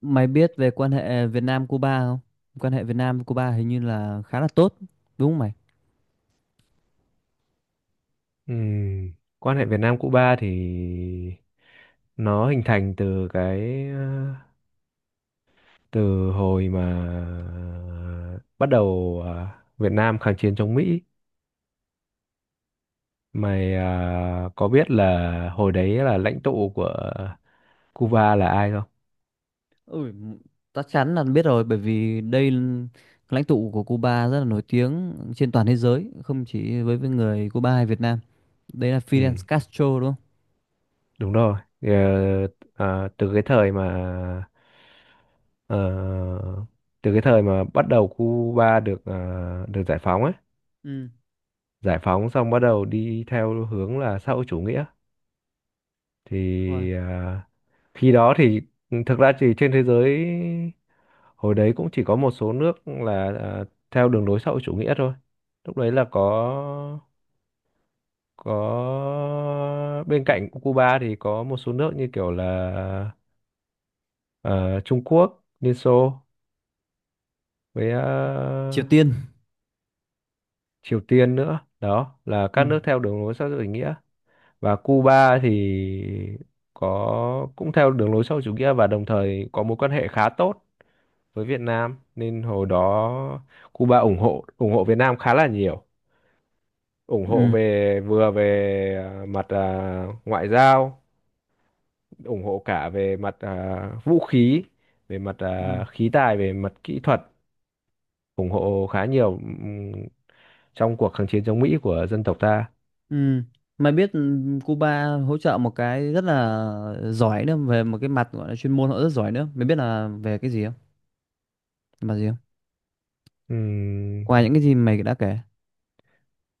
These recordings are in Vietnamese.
Mày biết về quan hệ Việt Nam Cuba không? Quan hệ Việt Nam Cuba hình như là khá là tốt, đúng không mày? Ừm, Quan hệ Việt Nam Cuba thì nó hình thành từ từ hồi mà bắt đầu Việt Nam kháng chiến chống Mỹ. Mày có biết là hồi đấy là lãnh tụ của Cuba là ai không? Ừ, chắc chắn là biết rồi bởi vì lãnh tụ của Cuba rất là nổi tiếng trên toàn thế giới, không chỉ với người Cuba hay Việt Nam. Đấy là Fidel Ừ, Castro đúng không? đúng rồi. Ờ, từ cái thời mà ờ, bắt đầu Cuba được được giải phóng ấy, Ừ, giải phóng xong bắt đầu đi theo hướng là xã hội chủ nghĩa đúng rồi. thì à, khi đó thì ừ, thực ra thì trên thế giới hồi đấy cũng chỉ có một số nước là theo đường lối xã hội chủ nghĩa thôi, lúc đấy là có bên cạnh Cuba thì có một số nước như kiểu là ờ, Trung Quốc, Liên Xô với Triều Tiên. Triều Tiên nữa, đó là Ừ. các nước theo đường lối xã hội chủ nghĩa, và Cuba thì có cũng theo đường lối xã hội chủ nghĩa và đồng thời có mối quan hệ khá tốt với Việt Nam, nên hồi đó Cuba ủng hộ Việt Nam khá là nhiều, ủng hộ Ừ. về, vừa về mặt ngoại giao, ủng hộ cả về mặt vũ khí, về mặt Ừ. Khí tài, về mặt kỹ thuật, ủng hộ khá nhiều ừm, trong cuộc kháng chiến chống Mỹ của dân tộc ta. Ừ. Mày biết Cuba hỗ trợ một cái rất là giỏi nữa về một cái mặt gọi là chuyên môn họ rất giỏi nữa. Mày biết là về cái gì không? Mặt gì không? Ừm, Qua những cái gì mày đã kể.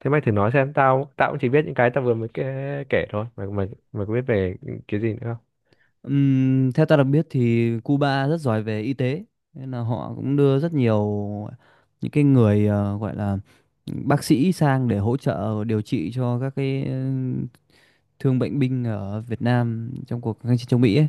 Thế mày thử nói xem, tao tao cũng chỉ biết những cái tao vừa mới kể thôi, mày mày mày có biết về cái gì nữa không? Theo ta được biết thì Cuba rất giỏi về y tế, nên là họ cũng đưa rất nhiều những cái người gọi là bác sĩ sang để hỗ trợ điều trị cho các cái thương bệnh binh ở Việt Nam trong cuộc kháng chiến chống Mỹ ấy.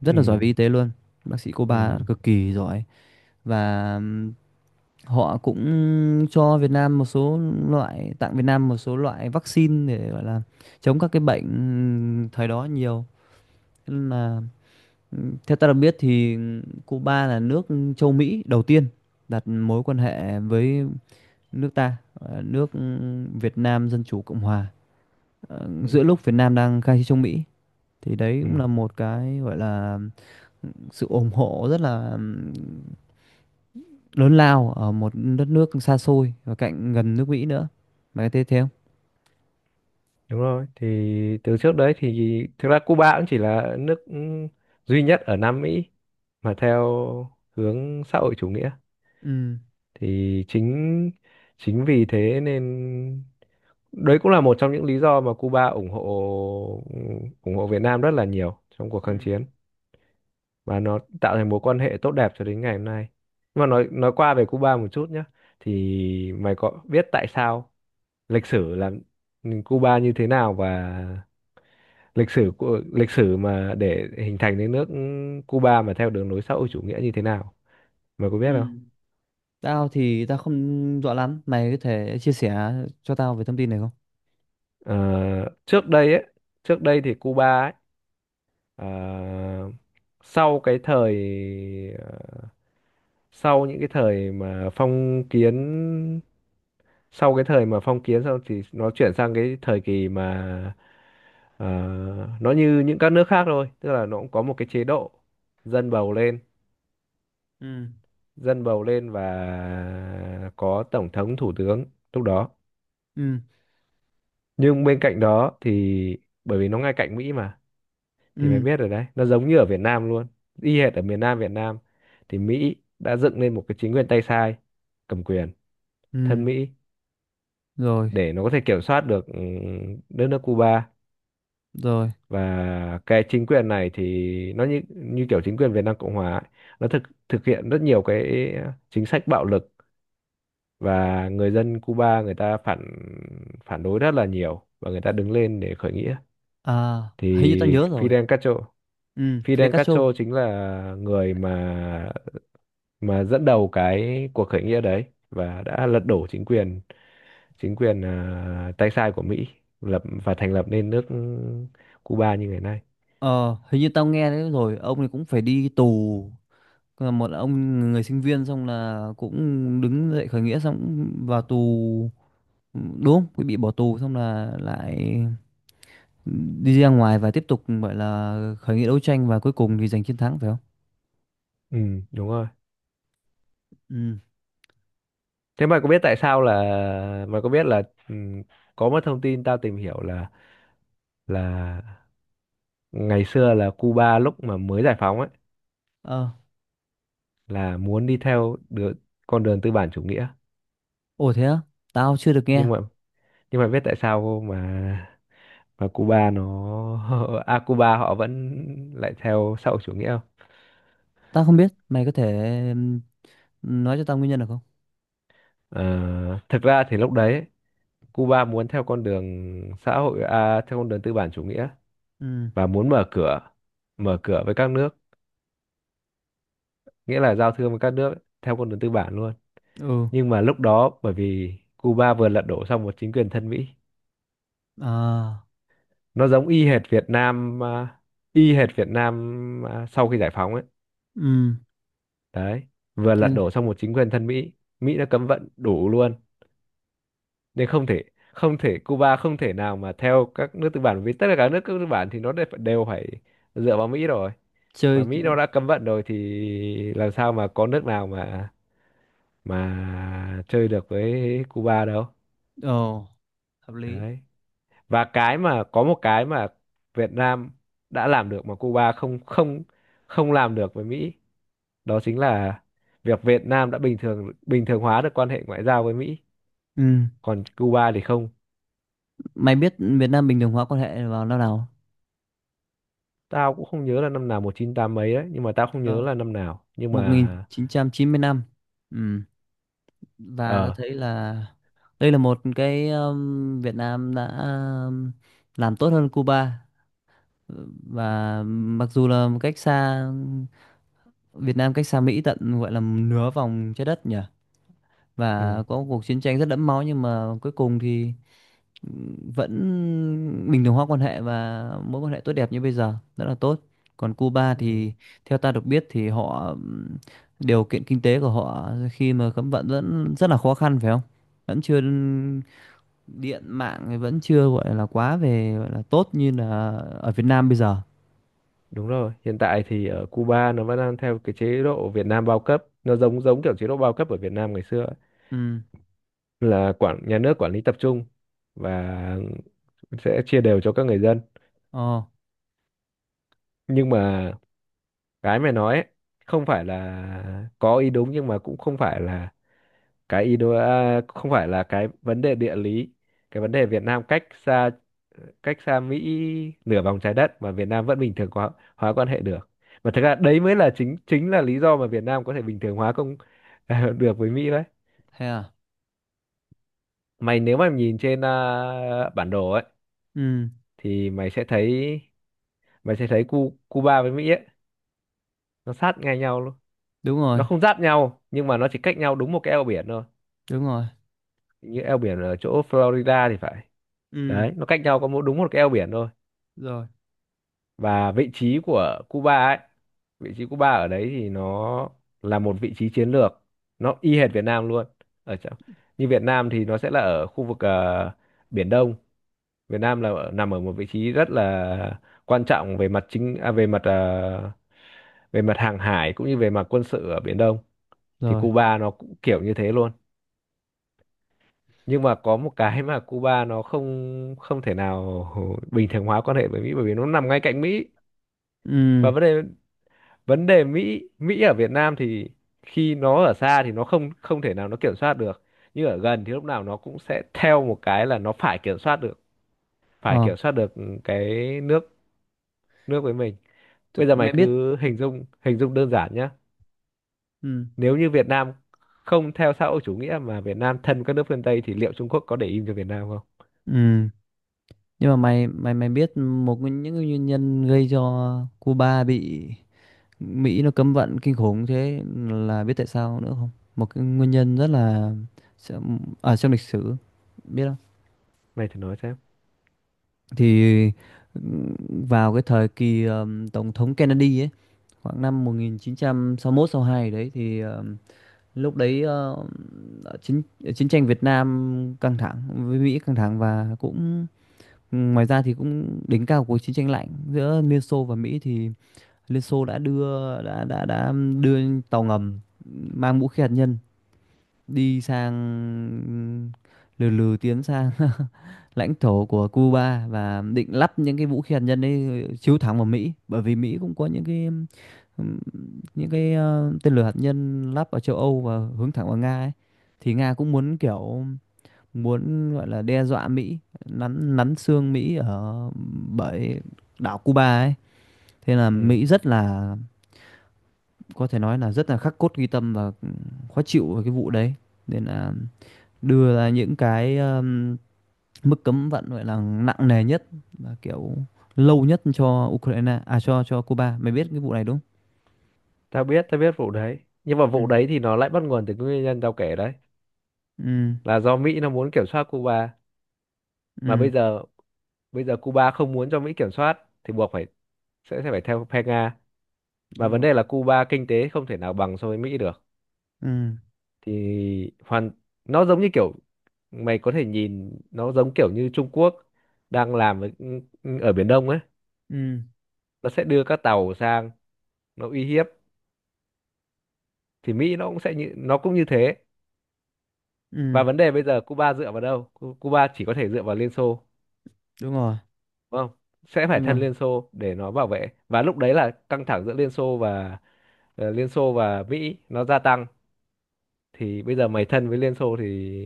Rất Ừ, là giỏi về y tế luôn. Bác sĩ ừ, Cuba cực kỳ giỏi và họ cũng cho Việt Nam một số loại, tặng Việt Nam một số loại vaccine để gọi là chống các cái bệnh thời đó nhiều. Nên là ừ, theo ta được biết thì Cuba là nước châu Mỹ đầu tiên đặt mối quan hệ với nước ta, nước Việt Nam Dân Chủ Cộng Hòa. Ờ, ừ, giữa lúc Việt Nam đang khai chiến chống Mỹ thì đấy cũng ừ, là một cái gọi là sự ủng hộ rất là lớn lao ở một đất nước xa xôi và cạnh gần nước Mỹ nữa. Mày có thấy thế không? đúng rồi, thì từ trước đấy thì thực ra Cuba cũng chỉ là nước ừ, duy nhất ở Nam Mỹ mà theo hướng xã hội chủ nghĩa, Ừ. thì chính chính vì thế nên đấy cũng là một trong những lý do mà Cuba ủng hộ Việt Nam rất là nhiều trong cuộc kháng Ừ. chiến, và nó tạo thành mối quan hệ tốt đẹp cho đến ngày hôm nay. Nhưng mà nói qua về Cuba một chút nhé, thì mày có biết tại sao lịch sử làm Cuba như thế nào, và lịch sử mà để hình thành đến nước Cuba mà theo đường lối xã hội chủ nghĩa như thế nào? Mày có biết không? Ừ. Tao thì tao không rõ lắm, mày có thể chia sẻ cho tao về thông tin này không? Ờ, trước đây ấy, trước đây thì Cuba ấy, ờ, sau cái thời sau những cái thời mà phong kiến, sau cái thời mà phong kiến xong thì nó chuyển sang cái thời kỳ mà ờ, nó như những các nước khác thôi, tức là nó cũng có một cái chế độ dân bầu lên Ừ. dân bầu lên và có tổng thống, thủ tướng lúc đó, Ừ. nhưng bên cạnh đó thì bởi vì nó ngay cạnh Mỹ mà, thì mày Ừ. biết rồi đấy, nó giống như ở Việt Nam luôn, y hệt ở miền Nam Việt Nam thì Mỹ đã dựng lên một cái chính quyền tay sai cầm quyền Ừ, thân Mỹ rồi, để nó có thể kiểm soát được ừ, đất nước Cuba, rồi. và cái chính quyền này thì nó như như kiểu chính quyền Việt Nam Cộng Hòa ấy, nó thực thực hiện rất nhiều cái chính sách bạo lực, và người dân Cuba người ta phản phản đối rất là nhiều và người ta đứng lên để khởi nghĩa, À, thì hình như tao nhớ rồi. Fidel Castro, Ừ, Fidel Fidel Castro Castro. chính là người mà dẫn đầu cái cuộc khởi nghĩa đấy và đã lật đổ chính quyền tay sai của Mỹ, lập và thành lập nên nước Cuba như ngày nay. Ờ, hình như tao nghe đấy rồi, ông này cũng phải đi tù. Là một ông người sinh viên xong là cũng đứng dậy khởi nghĩa xong cũng vào tù. Đúng không? Cũng bị bỏ tù xong là lại đi ra ngoài và tiếp tục gọi là khởi nghĩa đấu tranh, và cuối cùng thì giành chiến thắng phải không? Ừ, đúng rồi. Ừ. Thế mày có biết tại sao là, mày có biết là ừ, có một thông tin tao tìm hiểu là là ngày xưa là Cuba lúc mà mới giải phóng ấy Ờ, là muốn đi theo được con đường tư bản chủ nghĩa, ồ thế á? Tao chưa được nghe. nhưng mà nhưng mà biết tại sao mà Cuba nó Cuba họ vẫn lại theo xã hội chủ nghĩa không? Tao không biết. Mày có thể ừm, nói cho tao nguyên nhân được không? Ờ, thực ra thì lúc đấy ấy, Cuba muốn theo con đường theo con đường tư bản chủ nghĩa Ừ. và muốn mở cửa với các nước, nghĩa là giao thương với các nước theo con đường tư bản luôn, Ừ. nhưng mà lúc đó bởi vì Cuba vừa lật đổ xong một chính quyền thân Mỹ, À. nó giống y hệt Việt Nam y hệt Việt Nam sau khi giải phóng ấy, Ừ đấy, vừa thế lật đổ xong một chính quyền thân Mỹ, Mỹ đã cấm vận đủ luôn, nên không thể Cuba không thể nào mà theo các nước tư bản, vì tất cả các nước tư bản thì nó đều phải dựa vào Mỹ rồi, mà chơi, Mỹ nó đã cấm vận rồi thì làm sao mà có nước nào mà chơi được với Cuba đâu. ồ hợp lý, Đấy, và cái mà có một cái mà Việt Nam đã làm được mà Cuba không không không làm được với Mỹ, đó chính là việc Việt Nam đã bình thường hóa được quan hệ ngoại giao với Mỹ, ừ còn Cuba thì không. mày biết Việt Nam bình thường hóa quan hệ vào năm nào? Tao cũng không nhớ là năm nào, 198 mấy đấy, nhưng mà tao không nhớ Có là năm nào, nhưng mà 1990 năm, ừ, và ta ờ, thấy là đây là một cái Việt Nam đã um, làm tốt hơn Cuba, và mặc dù là một cách xa, Việt Nam cách xa Mỹ tận gọi là nửa vòng trái đất nhỉ ừ, và có cuộc chiến tranh rất đẫm máu nhưng mà cuối cùng thì vẫn bình thường hóa quan hệ, và mối quan hệ tốt đẹp như bây giờ rất là tốt. Còn Cuba ừ. thì theo ta được biết thì họ điều kiện kinh tế của họ khi mà cấm vận vẫn rất là khó khăn phải không, vẫn chưa, điện mạng thì vẫn chưa gọi là quá về gọi là tốt như là ở Việt Nam bây giờ. Đúng rồi, hiện tại thì ở Cuba nó vẫn đang theo cái chế độ Việt Nam bao cấp, nó giống giống kiểu chế độ bao cấp ở Việt Nam ngày xưa ấy. Ừ, Là quản, nhà nước quản lý tập trung và sẽ chia đều cho các người dân. ồ Nhưng mà cái mày nói ấy, không phải là có ý đúng, nhưng mà cũng không phải là cái ý đồ không phải là cái vấn đề địa lý, cái vấn đề Việt Nam cách xa Mỹ nửa vòng trái đất mà Việt Nam vẫn bình thường hóa quan hệ được, mà thực ra đấy mới là chính chính là lý do mà Việt Nam có thể bình thường hóa công được với Mỹ đấy. thế à, Mày nếu mà nhìn trên bản đồ ấy ừ thì mày sẽ thấy Cuba với Mỹ ấy, nó sát ngay nhau luôn, đúng nó rồi, không giáp nhau nhưng mà nó chỉ cách nhau đúng một cái eo biển thôi, đúng rồi, như eo biển ở chỗ Florida thì phải, ừ đấy, nó cách nhau có mỗi đúng một cái eo biển thôi, rồi, và vị trí Cuba ở đấy thì nó là một vị trí chiến lược, nó y hệt Việt Nam luôn, ở chỗ như Việt Nam thì nó sẽ là ở khu vực Biển Đông, Việt Nam là nằm ở một vị trí rất là quan trọng về mặt về mặt về mặt hàng hải cũng như về mặt quân sự ở Biển Đông, thì rồi, Cuba nó cũng kiểu như thế luôn, nhưng mà có một cái mà Cuba nó không không thể nào bình thường hóa quan hệ với Mỹ, bởi vì nó nằm ngay cạnh Mỹ, ừ, và vấn đề Mỹ Mỹ ở Việt Nam thì khi nó ở xa thì nó không không thể nào nó kiểm soát được, nhưng ở gần thì lúc nào nó cũng sẽ theo một cái là nó phải kiểm soát được, phải ờ kiểm soát được cái nước nước với mình. thế Bây giờ mày mày biết, cứ hình dung đơn giản nhá, ừ, nếu như Việt Nam không theo xã hội chủ nghĩa mà Việt Nam thân các nước phương Tây thì liệu Trung Quốc có để im cho Việt Nam không? ừ. Nhưng mà mày mày mày biết những cái nguyên nhân gây cho Cuba bị Mỹ nó cấm vận kinh khủng thế, là biết tại sao nữa không? Một cái nguyên nhân rất là ở trong lịch sử, biết không? Mày thử nói xem. Thì ừm, vào cái thời kỳ tổng thống Kennedy ấy, khoảng năm 1961 62 đấy thì lúc đấy chiến chiến tranh Việt Nam căng thẳng với Mỹ căng thẳng, và cũng ừ, ngoài ra thì cũng đỉnh cao cuộc chiến tranh lạnh giữa Liên Xô và Mỹ thì Liên Xô đã đưa đã đưa tàu ngầm mang vũ khí hạt nhân đi sang, lừ lừ tiến sang lãnh thổ của Cuba và định lắp những cái vũ khí hạt nhân ấy chiếu thẳng vào Mỹ, bởi vì Mỹ cũng có ừm, những cái tên lửa hạt nhân lắp ở châu Âu và hướng thẳng vào Nga ấy, thì Nga cũng muốn kiểu muốn gọi là đe dọa Mỹ, nắn nắn xương Mỹ ở bởi đảo Cuba ấy. Thế là Ừ, Mỹ rất là, có thể nói là rất là khắc cốt ghi tâm và khó chịu về cái vụ đấy. Nên là đưa ra những cái mức cấm vận gọi là nặng nề nhất và kiểu lâu nhất cho Ukraine à cho Cuba. Mày biết cái vụ này đúng không? tao biết vụ đấy, nhưng mà vụ Ừ. đấy thì nó lại bắt nguồn từ cái nguyên nhân tao kể đấy, Ừ. là do Mỹ nó muốn kiểm soát Cuba, mà Ừ, bây giờ Cuba không muốn cho Mỹ kiểm soát thì buộc phải sẽ phải theo phe Nga, mà đúng vấn rồi. đề là Cuba kinh tế không thể nào bằng so với Mỹ được, Ừ. thì hoàn, nó giống như kiểu, mày có thể nhìn nó giống kiểu như Trung Quốc đang làm với, ở Biển Đông ấy, Ừ. nó sẽ đưa các tàu sang, nó uy hiếp, thì Mỹ nó cũng sẽ như, nó cũng như thế, Ừ, và vấn đề bây giờ Cuba dựa vào đâu, Cuba chỉ có thể dựa vào Liên Xô, đúng rồi. đúng không, sẽ phải Đúng rồi. thân Liên Xô để nó bảo vệ, và lúc đấy là căng thẳng giữa Liên Xô và Liên Xô và Mỹ nó gia tăng, thì bây giờ mày thân với Liên Xô thì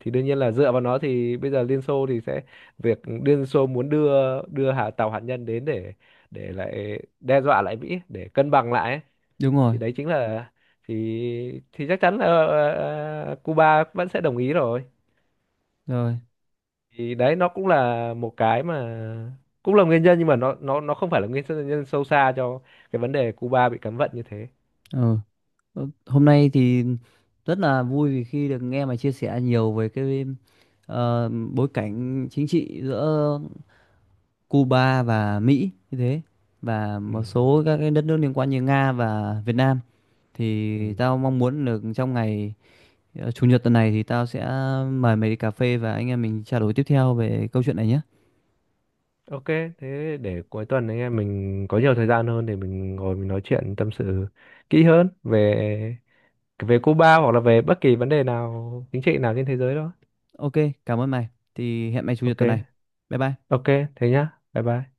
đương nhiên là dựa vào nó, thì bây giờ Liên Xô thì sẽ, việc Liên Xô muốn đưa đưa tàu hạt nhân đến để lại đe dọa lại Mỹ để cân bằng lại ấy. Đúng rồi. Thì đấy chính là, thì chắc chắn là Cuba vẫn sẽ đồng ý rồi. Rồi. Thì đấy nó cũng là một cái mà cũng là nguyên nhân, nhưng mà nó không phải là nguyên nhân sâu xa cho cái vấn đề Cuba bị cấm vận như thế. Ừ. Ờ, hôm nay thì rất là vui vì khi được nghe mày chia sẻ nhiều về cái bối cảnh chính trị giữa Cuba và Mỹ như thế và Ừ. một số các cái đất nước liên quan như Nga và Việt Nam, Ừ. thì tao mong muốn được trong ngày chủ nhật tuần này thì tao sẽ mời mày đi cà phê và anh em mình trao đổi tiếp theo về câu chuyện này nhé. Ok, thế để cuối tuần anh em mình có nhiều thời gian hơn thì mình ngồi mình nói chuyện tâm sự kỹ hơn về về Cuba hoặc là về bất kỳ vấn đề nào chính trị nào trên thế giới đó. Ok, cảm ơn mày. Thì hẹn mày chủ nhật Ok, tuần này. Bye bye. ok, thế nhá. Bye bye.